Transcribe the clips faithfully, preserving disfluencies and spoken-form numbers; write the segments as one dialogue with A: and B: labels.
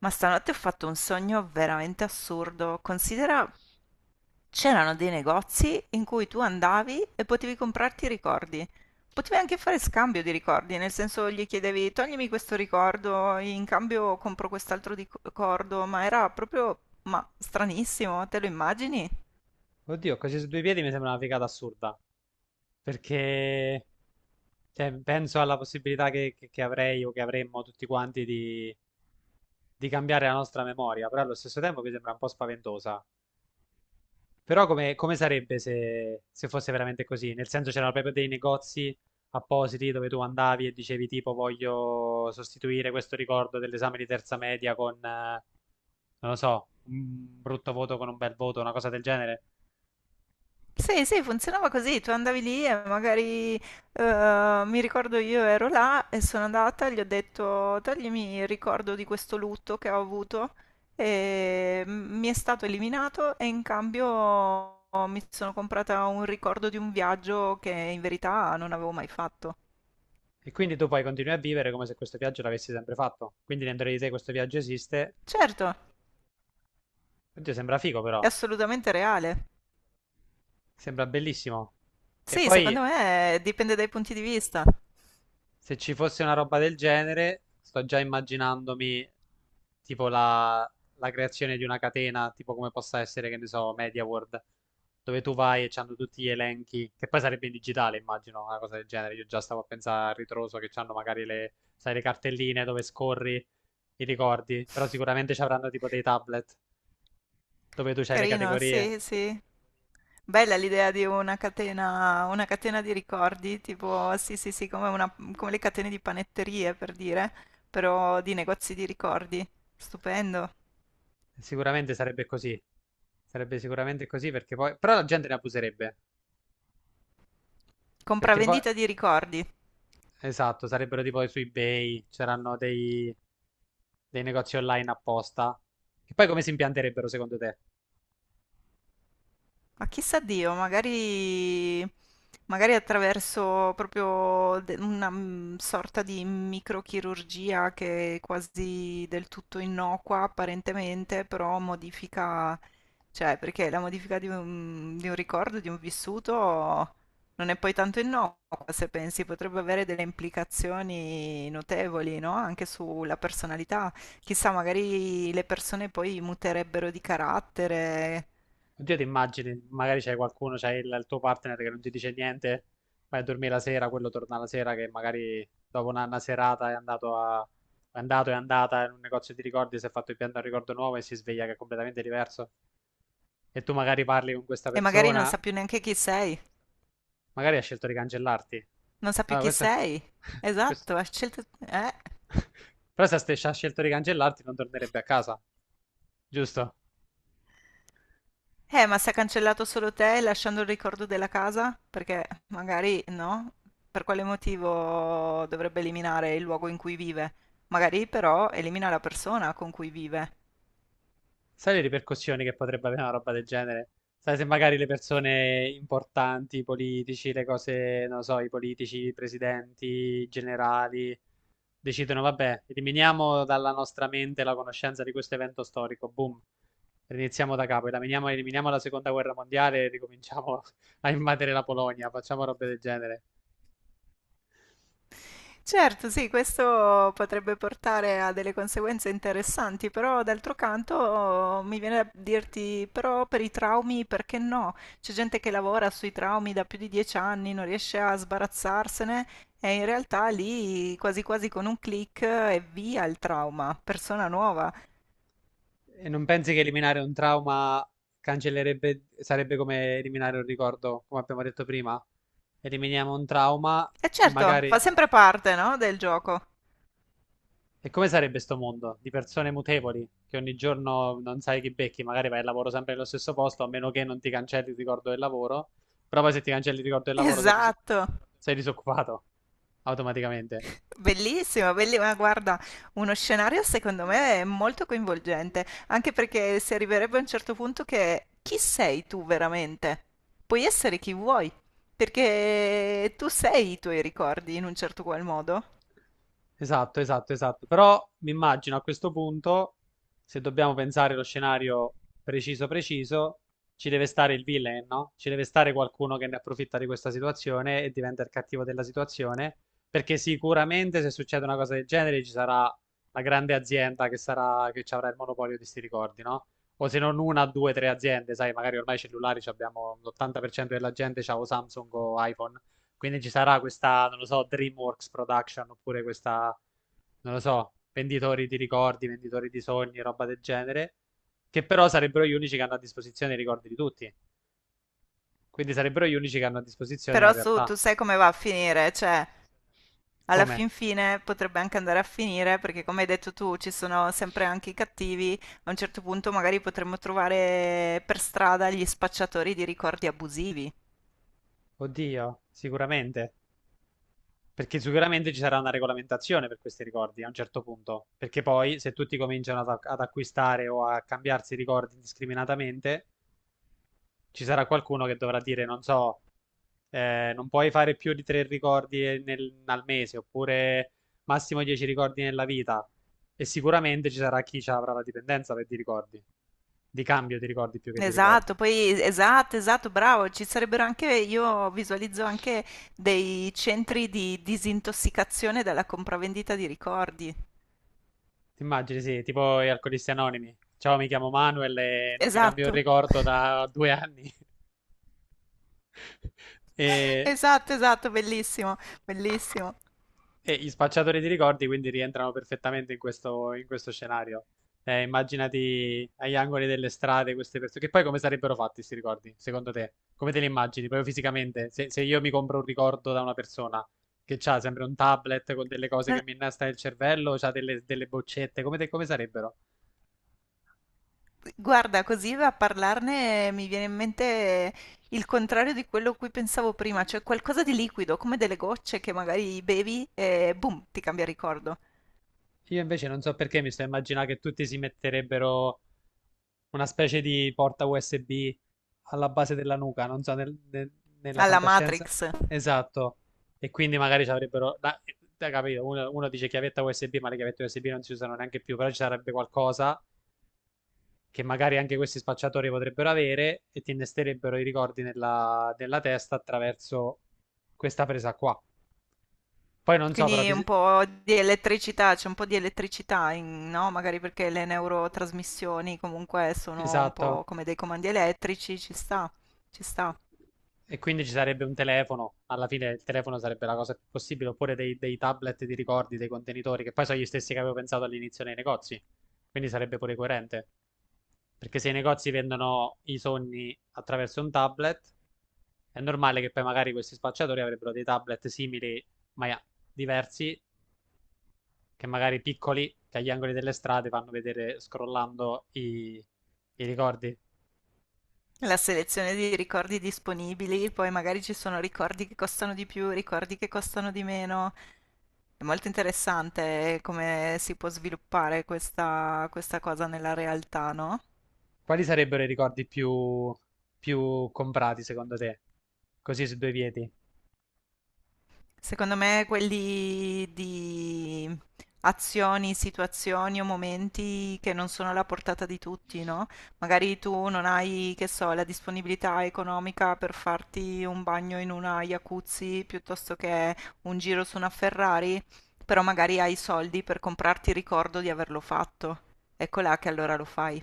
A: Ma stanotte ho fatto un sogno veramente assurdo. Considera, c'erano dei negozi in cui tu andavi e potevi comprarti i ricordi. Potevi anche fare scambio di ricordi, nel senso gli chiedevi toglimi questo ricordo, in cambio compro quest'altro ricordo, ma era proprio, ma stranissimo, te lo immagini?
B: Oddio, così su due piedi mi sembra una figata assurda, perché cioè, penso alla possibilità che, che- che avrei o che avremmo tutti quanti di, di cambiare la nostra memoria, però allo stesso tempo mi sembra un po' spaventosa. Però come, come sarebbe se, se fosse veramente così? Nel senso c'erano proprio dei negozi appositi dove tu andavi e dicevi tipo voglio sostituire questo ricordo dell'esame di terza media con, eh, non lo so, un brutto voto con un bel voto, una cosa del genere?
A: Sì, sì, funzionava così, tu andavi lì e magari, eh, mi ricordo io ero là e sono andata, gli ho detto toglimi il ricordo di questo lutto che ho avuto e m- mi è stato eliminato e in cambio mi sono comprata un ricordo di un viaggio che in verità non avevo mai fatto.
B: E quindi tu poi continui a vivere come se questo viaggio l'avessi sempre fatto. Quindi dentro di te questo viaggio esiste.
A: Certo,
B: Oddio, sembra figo però.
A: è assolutamente reale.
B: Sembra bellissimo. E
A: Sì,
B: poi
A: secondo me dipende dai punti di vista.
B: se ci fosse una roba del genere, sto già immaginandomi tipo la, la creazione di una catena, tipo come possa essere, che ne so, Media World, dove tu vai e c'hanno tutti gli elenchi, che poi sarebbe in digitale, immagino, una cosa del genere. Io già stavo a pensare a ritroso che c'hanno magari le, sai, le cartelline dove scorri i ricordi, però sicuramente ci avranno tipo dei tablet dove tu c'hai le
A: Carino,
B: categorie.
A: sì, sì. Bella l'idea di una catena, una catena di ricordi, tipo, sì, sì, sì, come, una- come le catene di panetterie, per dire, però di negozi di ricordi. Stupendo.
B: Sicuramente sarebbe così. Sarebbe sicuramente così perché poi... Però la gente ne abuserebbe. Perché poi...
A: Compravendita di ricordi.
B: Esatto, sarebbero tipo su eBay, c'erano dei, dei negozi online apposta. Che poi come si impianterebbero secondo te?
A: Ma chissà Dio, magari, magari attraverso proprio de- una mm, sorta di microchirurgia che è quasi del tutto innocua apparentemente, però modifica, cioè perché la modifica di un, di un ricordo, di un vissuto, non è poi tanto innocua se pensi, potrebbe avere delle implicazioni notevoli, no? Anche sulla personalità. Chissà, magari le persone poi muterebbero di carattere.
B: Oddio, ti immagini, magari c'è qualcuno, c'è il, il tuo partner che non ti dice niente, vai a dormire la sera, quello torna la sera che magari dopo una, una serata è andato a... È andato, è andata in un negozio di ricordi, si è fatto impiantare un ricordo nuovo e si sveglia che è completamente diverso. E tu magari parli con questa
A: E magari non
B: persona,
A: sa più neanche chi sei.
B: magari ha scelto di cancellarti.
A: Non sa più
B: Allora,
A: chi
B: questo,
A: sei.
B: questo-
A: Esatto, ha scelto... Eh.
B: Però se ha scelto di cancellarti non tornerebbe a casa, giusto?
A: Eh, ma se ha cancellato solo te lasciando il ricordo della casa? Perché magari no. Per quale motivo dovrebbe eliminare il luogo in cui vive? Magari però elimina la persona con cui vive.
B: Sai le ripercussioni che potrebbe avere una roba del genere? Sai se magari le persone importanti, i politici, le cose, non lo so, i politici, i presidenti, i generali, decidono, vabbè, eliminiamo dalla nostra mente la conoscenza di questo evento storico, boom, riniziamo da capo, eliminiamo, eliminiamo la seconda guerra mondiale e ricominciamo a invadere la Polonia, facciamo robe del genere.
A: Certo, sì, questo potrebbe portare a delle conseguenze interessanti, però d'altro canto mi viene da dirti, però per i traumi perché no? C'è gente che lavora sui traumi da più di dieci anni, non riesce a sbarazzarsene e in realtà lì quasi quasi con un click e via il trauma, persona nuova.
B: E non pensi che eliminare un trauma cancellerebbe, sarebbe come eliminare un ricordo, come abbiamo detto prima? Eliminiamo un trauma
A: E
B: e
A: certo, fa
B: magari...
A: sempre parte, no, del gioco.
B: E come sarebbe sto mondo di persone mutevoli che ogni giorno non sai chi becchi, magari vai al lavoro sempre nello stesso posto, a meno che non ti cancelli il ricordo del lavoro, però poi se ti cancelli il ricordo del lavoro sei, dis-
A: Esatto.
B: sei disoccupato automaticamente.
A: Bellissimo, bellissimo. Ma Guarda, uno scenario secondo me è molto coinvolgente, anche perché si arriverebbe a un certo punto che chi sei tu veramente? Puoi essere chi vuoi, perché tu sei i tuoi ricordi in un certo qual modo.
B: Esatto, esatto, esatto. Però mi immagino a questo punto, se dobbiamo pensare allo scenario preciso preciso, ci deve stare il villain, no? Ci deve stare qualcuno che ne approfitta di questa situazione e diventa il cattivo della situazione, perché sicuramente se succede una cosa del genere ci sarà la grande azienda che sarà, che ci avrà il monopolio di sti ricordi, no? O se non una, due, tre aziende, sai, magari ormai i cellulari ci abbiamo l'ottanta per cento della gente c'ha o Samsung o iPhone, quindi ci sarà questa, non lo so, DreamWorks Production oppure questa, non lo so, venditori di ricordi, venditori di sogni, roba del genere, che però sarebbero gli unici che hanno a disposizione i ricordi di tutti. Quindi sarebbero gli unici che hanno a disposizione la
A: Però su-
B: realtà.
A: tu sai come va a finire, cioè alla
B: Come?
A: fin fine potrebbe anche andare a finire, perché come hai detto tu, ci sono sempre anche i cattivi. A un certo punto magari potremmo trovare per strada gli spacciatori di ricordi abusivi.
B: Oddio, sicuramente. Perché sicuramente ci sarà una regolamentazione per questi ricordi a un certo punto. Perché poi, se tutti cominciano ad, ad acquistare o a cambiarsi i ricordi indiscriminatamente, ci sarà qualcuno che dovrà dire, non so, eh, non puoi fare più di tre ricordi nel- al mese, oppure massimo dieci ricordi nella vita. E sicuramente ci sarà chi ci avrà la dipendenza per di ricordi, di cambio di ricordi più che di ricordi.
A: Esatto, poi esatto, esatto, bravo, ci sarebbero anche, io visualizzo anche dei centri di disintossicazione dalla compravendita di ricordi.
B: Ti immagini, sì, tipo gli alcolisti anonimi. Ciao, mi chiamo Manuel e non mi cambio il
A: Esatto,
B: ricordo da due anni. E
A: esatto, esatto, bellissimo, bellissimo.
B: e gli spacciatori di ricordi quindi rientrano perfettamente in questo, in questo scenario. Eh, immaginati agli angoli delle strade queste persone, che poi come sarebbero fatti questi ricordi, secondo te? Come te li immagini, proprio fisicamente? Se, se io mi compro un ricordo da una persona che ha sempre un tablet con delle cose che
A: Non-
B: mi innesta nel cervello, ha delle, delle boccette, come, te- come sarebbero?
A: Guarda, così a parlarne mi viene in mente il contrario di quello a cui pensavo prima, cioè qualcosa di liquido, come delle gocce che magari bevi e boom, ti cambia ricordo.
B: Io invece non so perché mi sto immaginando che tutti si metterebbero una specie di porta U S B alla base della nuca, non so, nel- nel- nella
A: Alla
B: fantascienza.
A: Matrix.
B: Esatto. E quindi magari ci avrebbero... da- da capito, uno, uno dice chiavetta U S B, ma le chiavette U S B non si usano neanche più, però ci sarebbe qualcosa che magari anche questi spacciatori potrebbero avere e ti innesterebbero i ricordi nella, nella testa attraverso questa presa qua. Poi non so, però...
A: Quindi un
B: fis-
A: po' di elettricità, c'è un po' di elettricità, in- no? Magari perché le neurotrasmissioni comunque sono un
B: esatto.
A: po' come dei comandi elettrici, ci sta, ci sta.
B: E quindi ci sarebbe un telefono, alla fine il telefono sarebbe la cosa più possibile, oppure dei, dei tablet di ricordi, dei contenitori, che poi sono gli stessi che avevo pensato all'inizio nei negozi, quindi sarebbe pure coerente. Perché se i negozi vendono i sogni attraverso un tablet, è normale che poi magari questi spacciatori avrebbero dei tablet simili, ma diversi, che magari piccoli, che agli angoli delle strade fanno vedere scrollando i, i ricordi.
A: La selezione di ricordi disponibili, poi magari ci sono ricordi che costano di più, ricordi che costano di meno. È molto interessante come si può sviluppare questa, questa cosa nella realtà, no?
B: Quali sarebbero i ricordi più, più comprati secondo te? Così su due piedi.
A: Secondo me quelli di azioni, situazioni o momenti che non sono alla portata di tutti, no? Magari tu non hai, che so, la disponibilità economica per farti un bagno in una jacuzzi piuttosto che un giro su una Ferrari, però magari hai i soldi per comprarti il ricordo di averlo fatto. Ecco là che allora lo fai.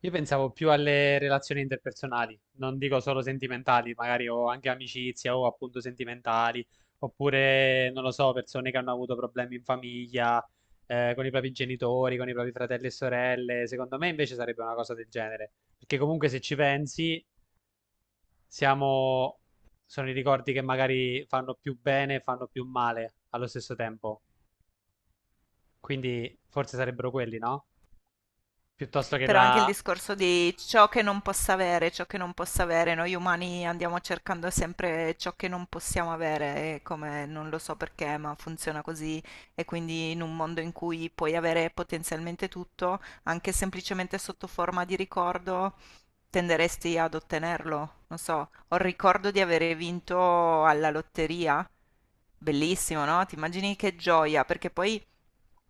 B: Io pensavo più alle relazioni interpersonali, non dico solo sentimentali, magari ho anche amicizia o appunto sentimentali, oppure non lo so, persone che hanno avuto problemi in famiglia, eh, con i propri genitori, con i propri fratelli e sorelle. Secondo me invece sarebbe una cosa del genere, perché comunque se ci pensi, siamo... sono i ricordi che magari fanno più bene e fanno più male allo stesso tempo. Quindi forse sarebbero quelli, no? Piuttosto che
A: Però anche il
B: la...
A: discorso di ciò che non possa avere, ciò che non possa avere, noi umani andiamo cercando sempre ciò che non possiamo avere, e come non lo so perché, ma funziona così. E quindi in un mondo in cui puoi avere potenzialmente tutto, anche semplicemente sotto forma di ricordo, tenderesti ad ottenerlo. Non so, ho il ricordo di aver vinto alla lotteria. Bellissimo, no? Ti immagini che gioia, perché poi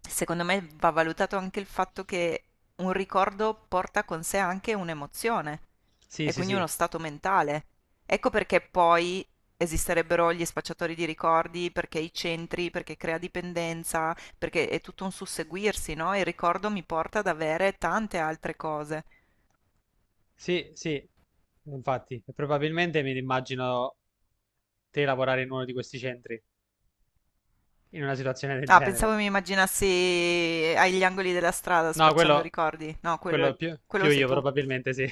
A: secondo me va valutato anche il fatto che un ricordo porta con sé anche un'emozione
B: Sì,
A: e
B: sì,
A: quindi
B: sì,
A: uno stato mentale. Ecco perché poi esisterebbero gli spacciatori di ricordi, perché i centri, perché crea dipendenza, perché è tutto un susseguirsi, no? Il ricordo mi porta ad avere tante altre cose.
B: sì, sì, infatti, e probabilmente mi immagino te lavorare in uno di questi centri, in una situazione del
A: Ah,
B: genere.
A: pensavo mi immaginassi agli angoli della strada
B: No,
A: spacciando
B: quello,
A: ricordi. No, quello,
B: quello più,
A: quello
B: più
A: sei
B: io,
A: tu.
B: probabilmente sì.